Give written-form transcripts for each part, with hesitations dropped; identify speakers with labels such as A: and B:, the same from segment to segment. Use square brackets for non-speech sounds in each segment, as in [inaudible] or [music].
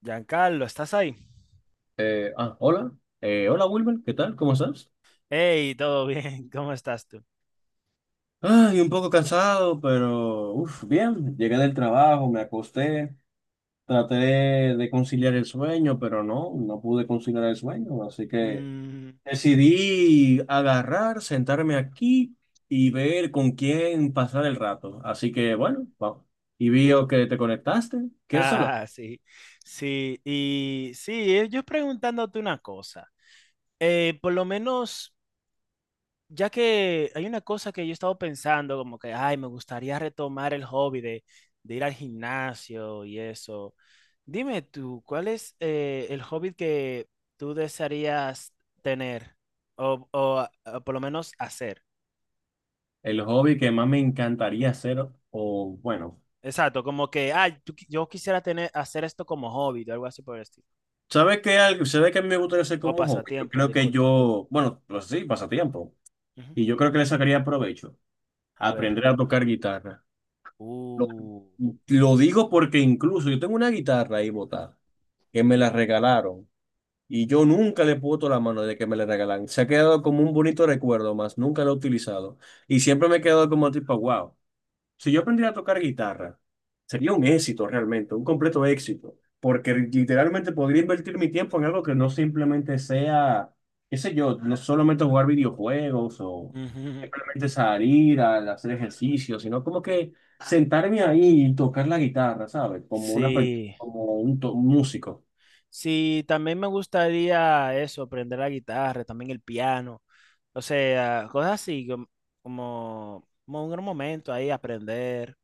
A: Giancarlo, ¿estás ahí?
B: Hola. Hola Wilmer, ¿qué tal? ¿Cómo estás?
A: Hey, todo bien, [laughs] ¿cómo estás tú?
B: Ay, un poco cansado, pero uf, bien. Llegué del trabajo, me acosté, traté de conciliar el sueño, pero no pude conciliar el sueño. Así que
A: Mm,
B: decidí agarrar, sentarme aquí y ver con quién pasar el rato. Así que bueno, vamos. Y vio que te conectaste. ¿Quieres hablar?
A: ah, sí, sí, y sí, yo preguntándote una cosa, por lo menos, ya que hay una cosa que yo he estado pensando, como que, ay, me gustaría retomar el hobby de ir al gimnasio y eso, dime tú, ¿cuál es el hobby que tú desearías tener o, por lo menos hacer?
B: El hobby que más me encantaría hacer, o bueno.
A: Exacto, como que, yo quisiera tener, hacer esto como hobby o algo así por el estilo.
B: ¿Sabes qué? ¿Sabes qué a mí me gustaría hacer
A: O
B: como hobby? Yo
A: pasatiempo,
B: creo que
A: disculpa.
B: yo, bueno, pues sí, pasatiempo.
A: Ujú.
B: Y yo creo que le sacaría provecho.
A: A ver.
B: Aprender a tocar guitarra. Lo,
A: Uh.
B: lo digo porque incluso yo tengo una guitarra ahí botada, que me la regalaron. Y yo nunca le puedo la mano de que me la regalan. Se ha quedado como un bonito recuerdo más, nunca lo he utilizado. Y siempre me he quedado como tipo, wow. Si yo aprendiera a tocar guitarra, sería un éxito realmente, un completo éxito, porque literalmente podría invertir mi tiempo en algo que no simplemente sea, qué sé yo, no solamente jugar videojuegos o
A: Ujú.
B: simplemente salir a hacer ejercicio, sino como que sentarme ahí y tocar la guitarra, ¿sabes? Como una,
A: Sí.
B: como un, un músico,
A: Sí, también me gustaría eso, aprender la guitarra, también el piano. O sea, cosas así como un gran momento ahí, aprender.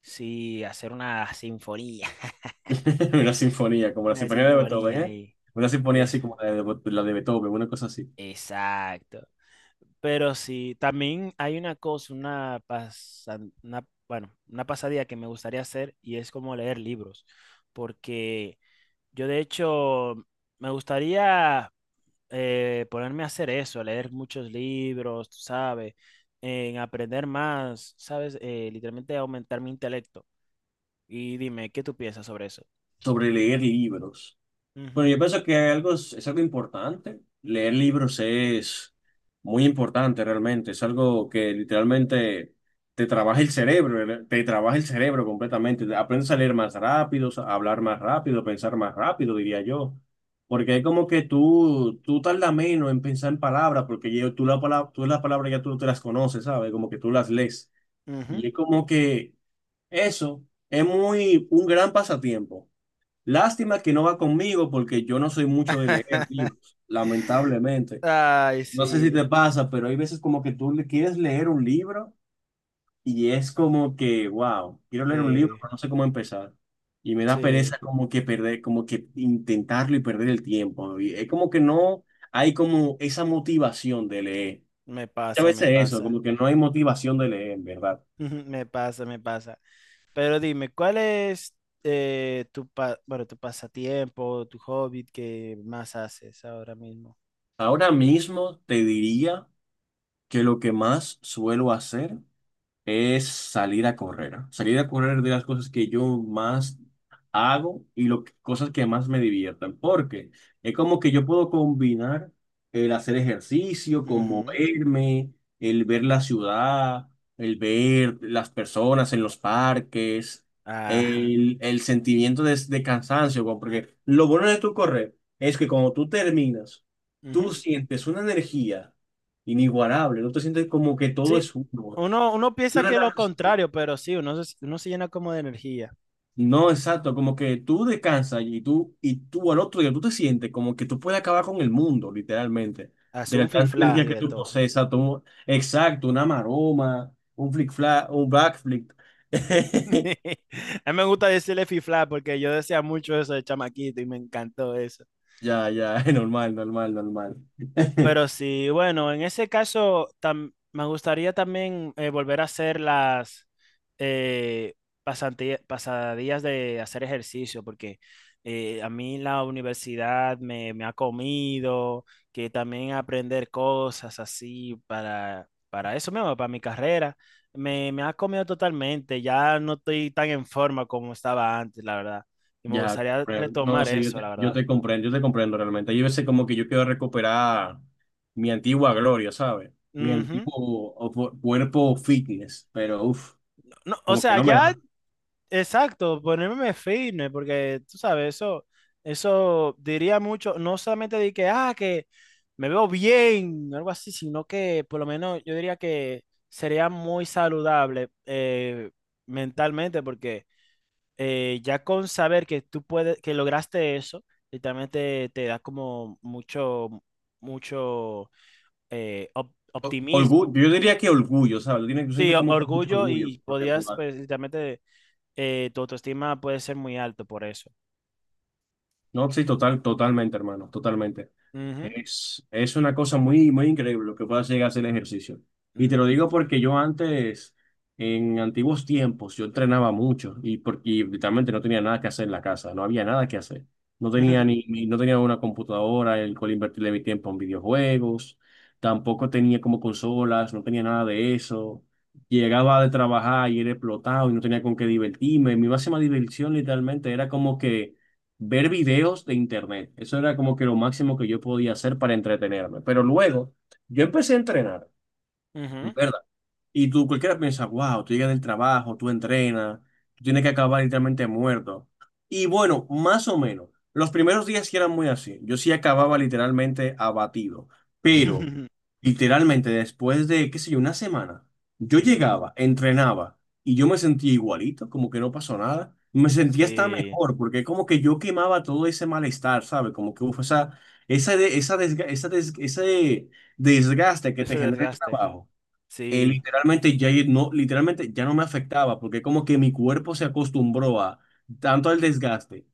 A: Sí, hacer una sinfonía. [laughs]
B: [laughs] una sinfonía, como la
A: Una
B: sinfonía de Beethoven,
A: sinfonía
B: ¿eh?
A: ahí.
B: Una sinfonía así
A: Es,
B: como la de Beethoven, una cosa así,
A: exacto. Pero sí, también hay una cosa, bueno, una pasadía que me gustaría hacer y es como leer libros, porque yo de hecho me gustaría ponerme a hacer eso, leer muchos libros, tú ¿sabes? En aprender más, ¿sabes? Literalmente aumentar mi intelecto. Y dime, ¿qué tú piensas sobre eso?
B: sobre leer libros. Bueno, yo pienso que algo es algo importante. Leer libros es muy importante realmente. Es algo que literalmente te trabaja el cerebro, ¿verdad? Te trabaja el cerebro completamente. Aprendes a leer más rápido, a hablar más rápido, pensar más rápido, diría yo. Porque es como que tú tardas menos en pensar en palabras, porque tú la palabra, tú las palabras ya tú te las conoces, ¿sabes? Como que tú las lees.
A: Ujú, ujú.
B: Y es como que eso es muy un gran pasatiempo. Lástima que no va conmigo porque yo no soy mucho de leer
A: [laughs]
B: libros, lamentablemente.
A: Ay,
B: No sé si te
A: sí,
B: pasa, pero hay veces como que tú le quieres leer un libro y es como que, wow, quiero leer un libro,
A: sí,
B: pero no sé cómo empezar. Y me da pereza
A: sí,
B: como que perder, como que intentarlo y perder el tiempo. Y es como que no hay como esa motivación de leer.
A: me
B: A
A: pasa, me
B: veces eso,
A: pasa.
B: como que no hay motivación de leer, en verdad.
A: Ujú, me pasa, me pasa. Pero dime, ¿cuál es bueno, tu pasatiempo, tu hobby que más haces ahora mismo?
B: Ahora mismo te diría que lo que más suelo hacer es salir a correr. ¿Ah? Salir a correr de las cosas que yo más hago y cosas que más me diviertan, porque es como que yo puedo combinar el hacer ejercicio, con
A: Ujú,
B: moverme, el ver la ciudad, el ver las personas en los parques,
A: ajá.
B: el sentimiento de cansancio, porque lo bueno de tu correr es que cuando tú terminas, tú
A: Ujú.
B: sientes una energía inigualable, no te sientes como que todo
A: Sí,
B: es uno.
A: uno
B: No
A: piensa que es lo
B: relajas.
A: contrario, pero sí, uno se llena como de energía.
B: No, exacto, como que tú descansas y tú al otro día tú te sientes como que tú puedes acabar con el mundo, literalmente, de
A: Hace un
B: la tanta
A: fifla
B: energía
A: y
B: que
A: de
B: tú
A: todo.
B: procesas, exacto, una maroma, un un backflip. [laughs]
A: [laughs] A mí me gusta decirle fifla porque yo decía mucho eso de chamaquito y me encantó eso.
B: Ya, ya, [laughs] normal, normal, normal. [laughs]
A: Pero sí, bueno, en ese caso me gustaría también volver a hacer las eh, pasadías de hacer ejercicio, porque a mí la universidad me ha comido, que también aprender cosas así para eso mismo, para mi carrera, me ha comido totalmente, ya no estoy tan en forma como estaba antes, la verdad. Y me
B: Ya,
A: gustaría
B: comprendo. No,
A: retomar
B: sí,
A: eso, la verdad.
B: yo te comprendo realmente. Yo a veces como que yo quiero recuperar mi antigua gloria, ¿sabes? Mi
A: Ujú.
B: antiguo o cuerpo fitness, pero uff,
A: No, o
B: como que
A: sea,
B: no me
A: ya.
B: da.
A: Exacto, ponerme firme, porque tú sabes, eso diría mucho, no solamente de que, que me veo bien, algo así, sino que por lo menos yo diría que sería muy saludable mentalmente, porque ya con saber que tú puedes, que lograste eso, literalmente te da como mucho, mucho
B: Orgullo,
A: optimismo.
B: yo diría que orgullo, ¿sabes? Tú
A: Sí,
B: sientes como que mucho
A: orgullo
B: orgullo
A: y
B: por lo que tú
A: podías,
B: haces.
A: pues, literalmente tu autoestima puede ser muy alto por eso.
B: No, sí, total, totalmente, hermano, totalmente.
A: Ujú,
B: Es una cosa muy, muy increíble lo que puedas llegar a hacer el ejercicio. Y te lo
A: ujú,
B: digo porque yo antes, en antiguos tiempos, yo entrenaba mucho y, porque y literalmente no tenía nada que hacer en la casa, no había nada que hacer. No tenía
A: ujú,
B: no tenía una computadora el cual invertirle mi tiempo en videojuegos, tampoco tenía como consolas, no tenía nada de eso. Llegaba de trabajar y era explotado y no tenía con qué divertirme. Mi máxima diversión literalmente era como que ver videos de internet. Eso era como que lo máximo que yo podía hacer para entretenerme. Pero luego yo empecé a entrenar,
A: ujú,
B: ¿verdad? Y tú, cualquiera piensa, wow, tú llegas del trabajo, tú entrenas, tú tienes que acabar literalmente muerto. Y bueno, más o menos. Los primeros días sí eran muy así. Yo sí acababa literalmente abatido.
A: [laughs]
B: Pero,
A: ujú.
B: literalmente, después de, qué sé yo, una semana, yo llegaba, entrenaba y yo me sentía igualito, como que no pasó nada. Me sentía hasta
A: Sí,
B: mejor, porque como que yo quemaba todo ese malestar, ¿sabes? Como que, uf, esa, de- esa, desga- esa des- ese desgaste que te
A: ese
B: genera el
A: desgaste.
B: trabajo
A: Sí,
B: literalmente ya no me afectaba porque como que mi cuerpo se acostumbró a tanto al desgaste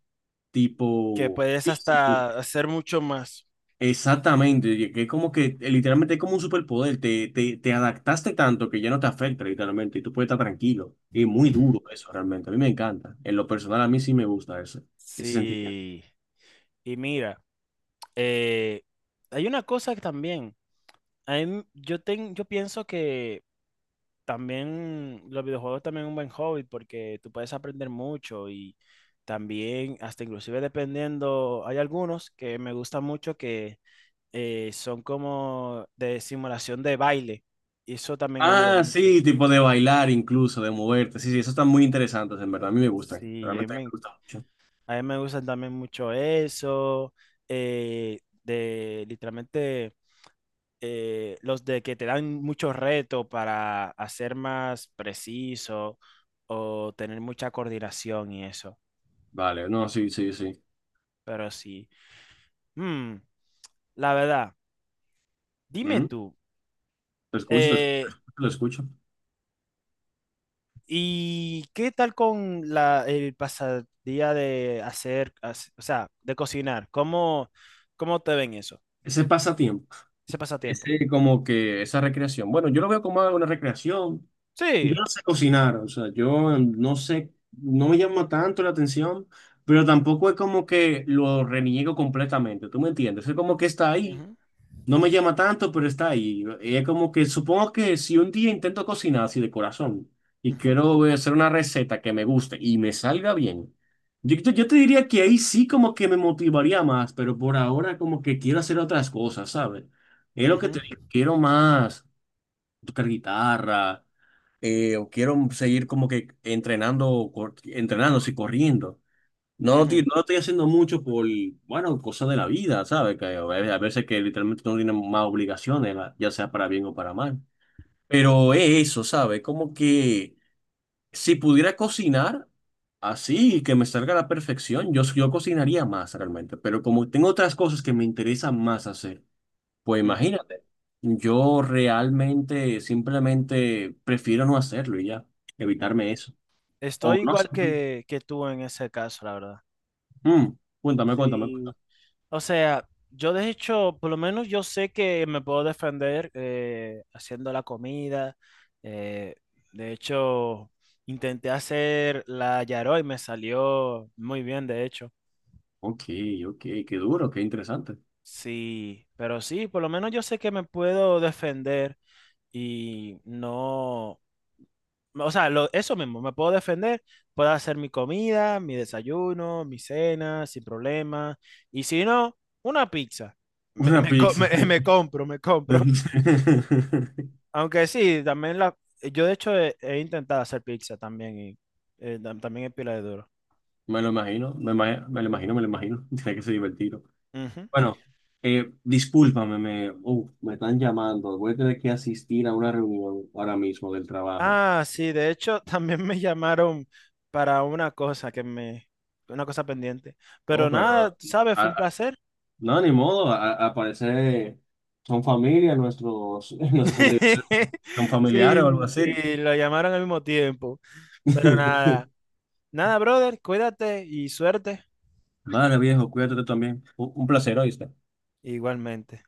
A: que
B: tipo
A: puedes
B: físico.
A: hasta hacer mucho más.
B: Exactamente, y que es como que literalmente es como un superpoder, te adaptaste tanto que ya no te afecta literalmente y tú puedes estar tranquilo. Es muy
A: Ujú.
B: duro eso realmente, a mí me encanta. En lo personal a mí sí me gusta eso, ese sentimiento.
A: Sí, y mira, eh, hay una cosa que también, a mí- yo, ten- yo pienso que también los videojuegos también es un buen hobby porque tú puedes aprender mucho y también, hasta inclusive dependiendo, hay algunos que me gustan mucho que son como de simulación de baile. Y eso también ayuda
B: Ah,
A: mucho.
B: sí, tipo de bailar incluso, de moverte. Sí, sí, eso están muy interesantes, en verdad. A mí me gustan.
A: Sí,
B: Realmente a mí me gusta mucho.
A: a mí me gustan también mucho eso, de literalmente los de que te dan muchos retos para hacer más preciso o tener mucha coordinación y eso.
B: Vale, no, sí, sí, sí.
A: Pero sí, Mm, la verdad, dime
B: Ujú.
A: tú,
B: Lo escucho, lo escucho,
A: eh,
B: lo escucho.
A: ¿y qué tal con el pasadía de hacer, o sea, de cocinar? ¿Cómo te ven eso?
B: Ese pasatiempo,
A: Ese pasatiempo.
B: ese como que esa recreación. Bueno, yo lo veo como una recreación.
A: Sí.
B: Yo no sé cocinar, o sea, yo no sé, no me llama tanto la atención, pero tampoco es como que lo reniego completamente, ¿tú me entiendes? Es como que está ahí.
A: Ujú,
B: No me llama tanto, pero está ahí. Es como que supongo que si un día intento cocinar así de corazón y
A: ujú,
B: quiero hacer una receta que me guste y me salga bien, yo te diría que ahí sí como que me motivaría más, pero por ahora como que quiero hacer otras cosas, ¿sabes? Es lo que
A: ujú,
B: te digo, quiero más tocar guitarra o quiero seguir como que entrenando, entrenando, sí, corriendo. No, tío,
A: ujú,
B: no lo estoy haciendo mucho por, bueno, cosas de la vida, ¿sabes? Que a veces que literalmente no tienen más obligaciones, ya sea para bien o para mal. Pero es eso, ¿sabes? Como que si pudiera cocinar así, que me salga a la perfección, yo cocinaría más realmente. Pero como tengo otras cosas que me interesan más hacer, pues
A: ujú,
B: imagínate, yo realmente simplemente prefiero no hacerlo y ya,
A: ujú.
B: evitarme eso. O
A: Estoy
B: no sé
A: igual
B: tú.
A: que tú en ese caso, la verdad.
B: Mm, cuéntame, cuéntame.
A: Sí, o sea, yo de hecho, por lo menos yo sé que me puedo defender haciendo la comida. eh, de hecho, intenté hacer la yaró y me salió muy bien, de hecho.
B: Ok, ok, qué duro, qué interesante.
A: Sí, pero sí, por lo menos yo sé que me puedo defender y no, o sea, eso mismo, me puedo defender, puedo hacer mi comida, mi desayuno, mi cena, sin problema. Y si no, una pizza.
B: Una pizza.
A: [laughs] Me compro, me compro. [laughs]
B: [laughs]
A: Aunque sí, también yo de hecho he intentado hacer pizza también y también es pila de duro.
B: Me lo imagino, me lo imagino, me lo imagino. [laughs] Tiene que ser divertido.
A: Ujú.
B: Bueno, discúlpame, me están llamando. Voy a tener que asistir a una reunión ahora mismo del trabajo.
A: Ah, sí, de hecho, [laughs] también me llamaron para una cosa una cosa pendiente. Pero
B: Oh, pero
A: nada,
B: no,
A: tú sabes,
B: a-
A: fue un
B: a-
A: placer.
B: no, ni modo. Al parecer son familia, nuestros, [laughs] nuestros obligaciones
A: [laughs]
B: son familiares o algo
A: Sí,
B: así.
A: sí, lo llamaron al mismo tiempo. Pero
B: [laughs]
A: nada, nada, brother, cuídate y suerte
B: Vale, viejo, cuídate tú también. Un placer, hoy
A: igualmente.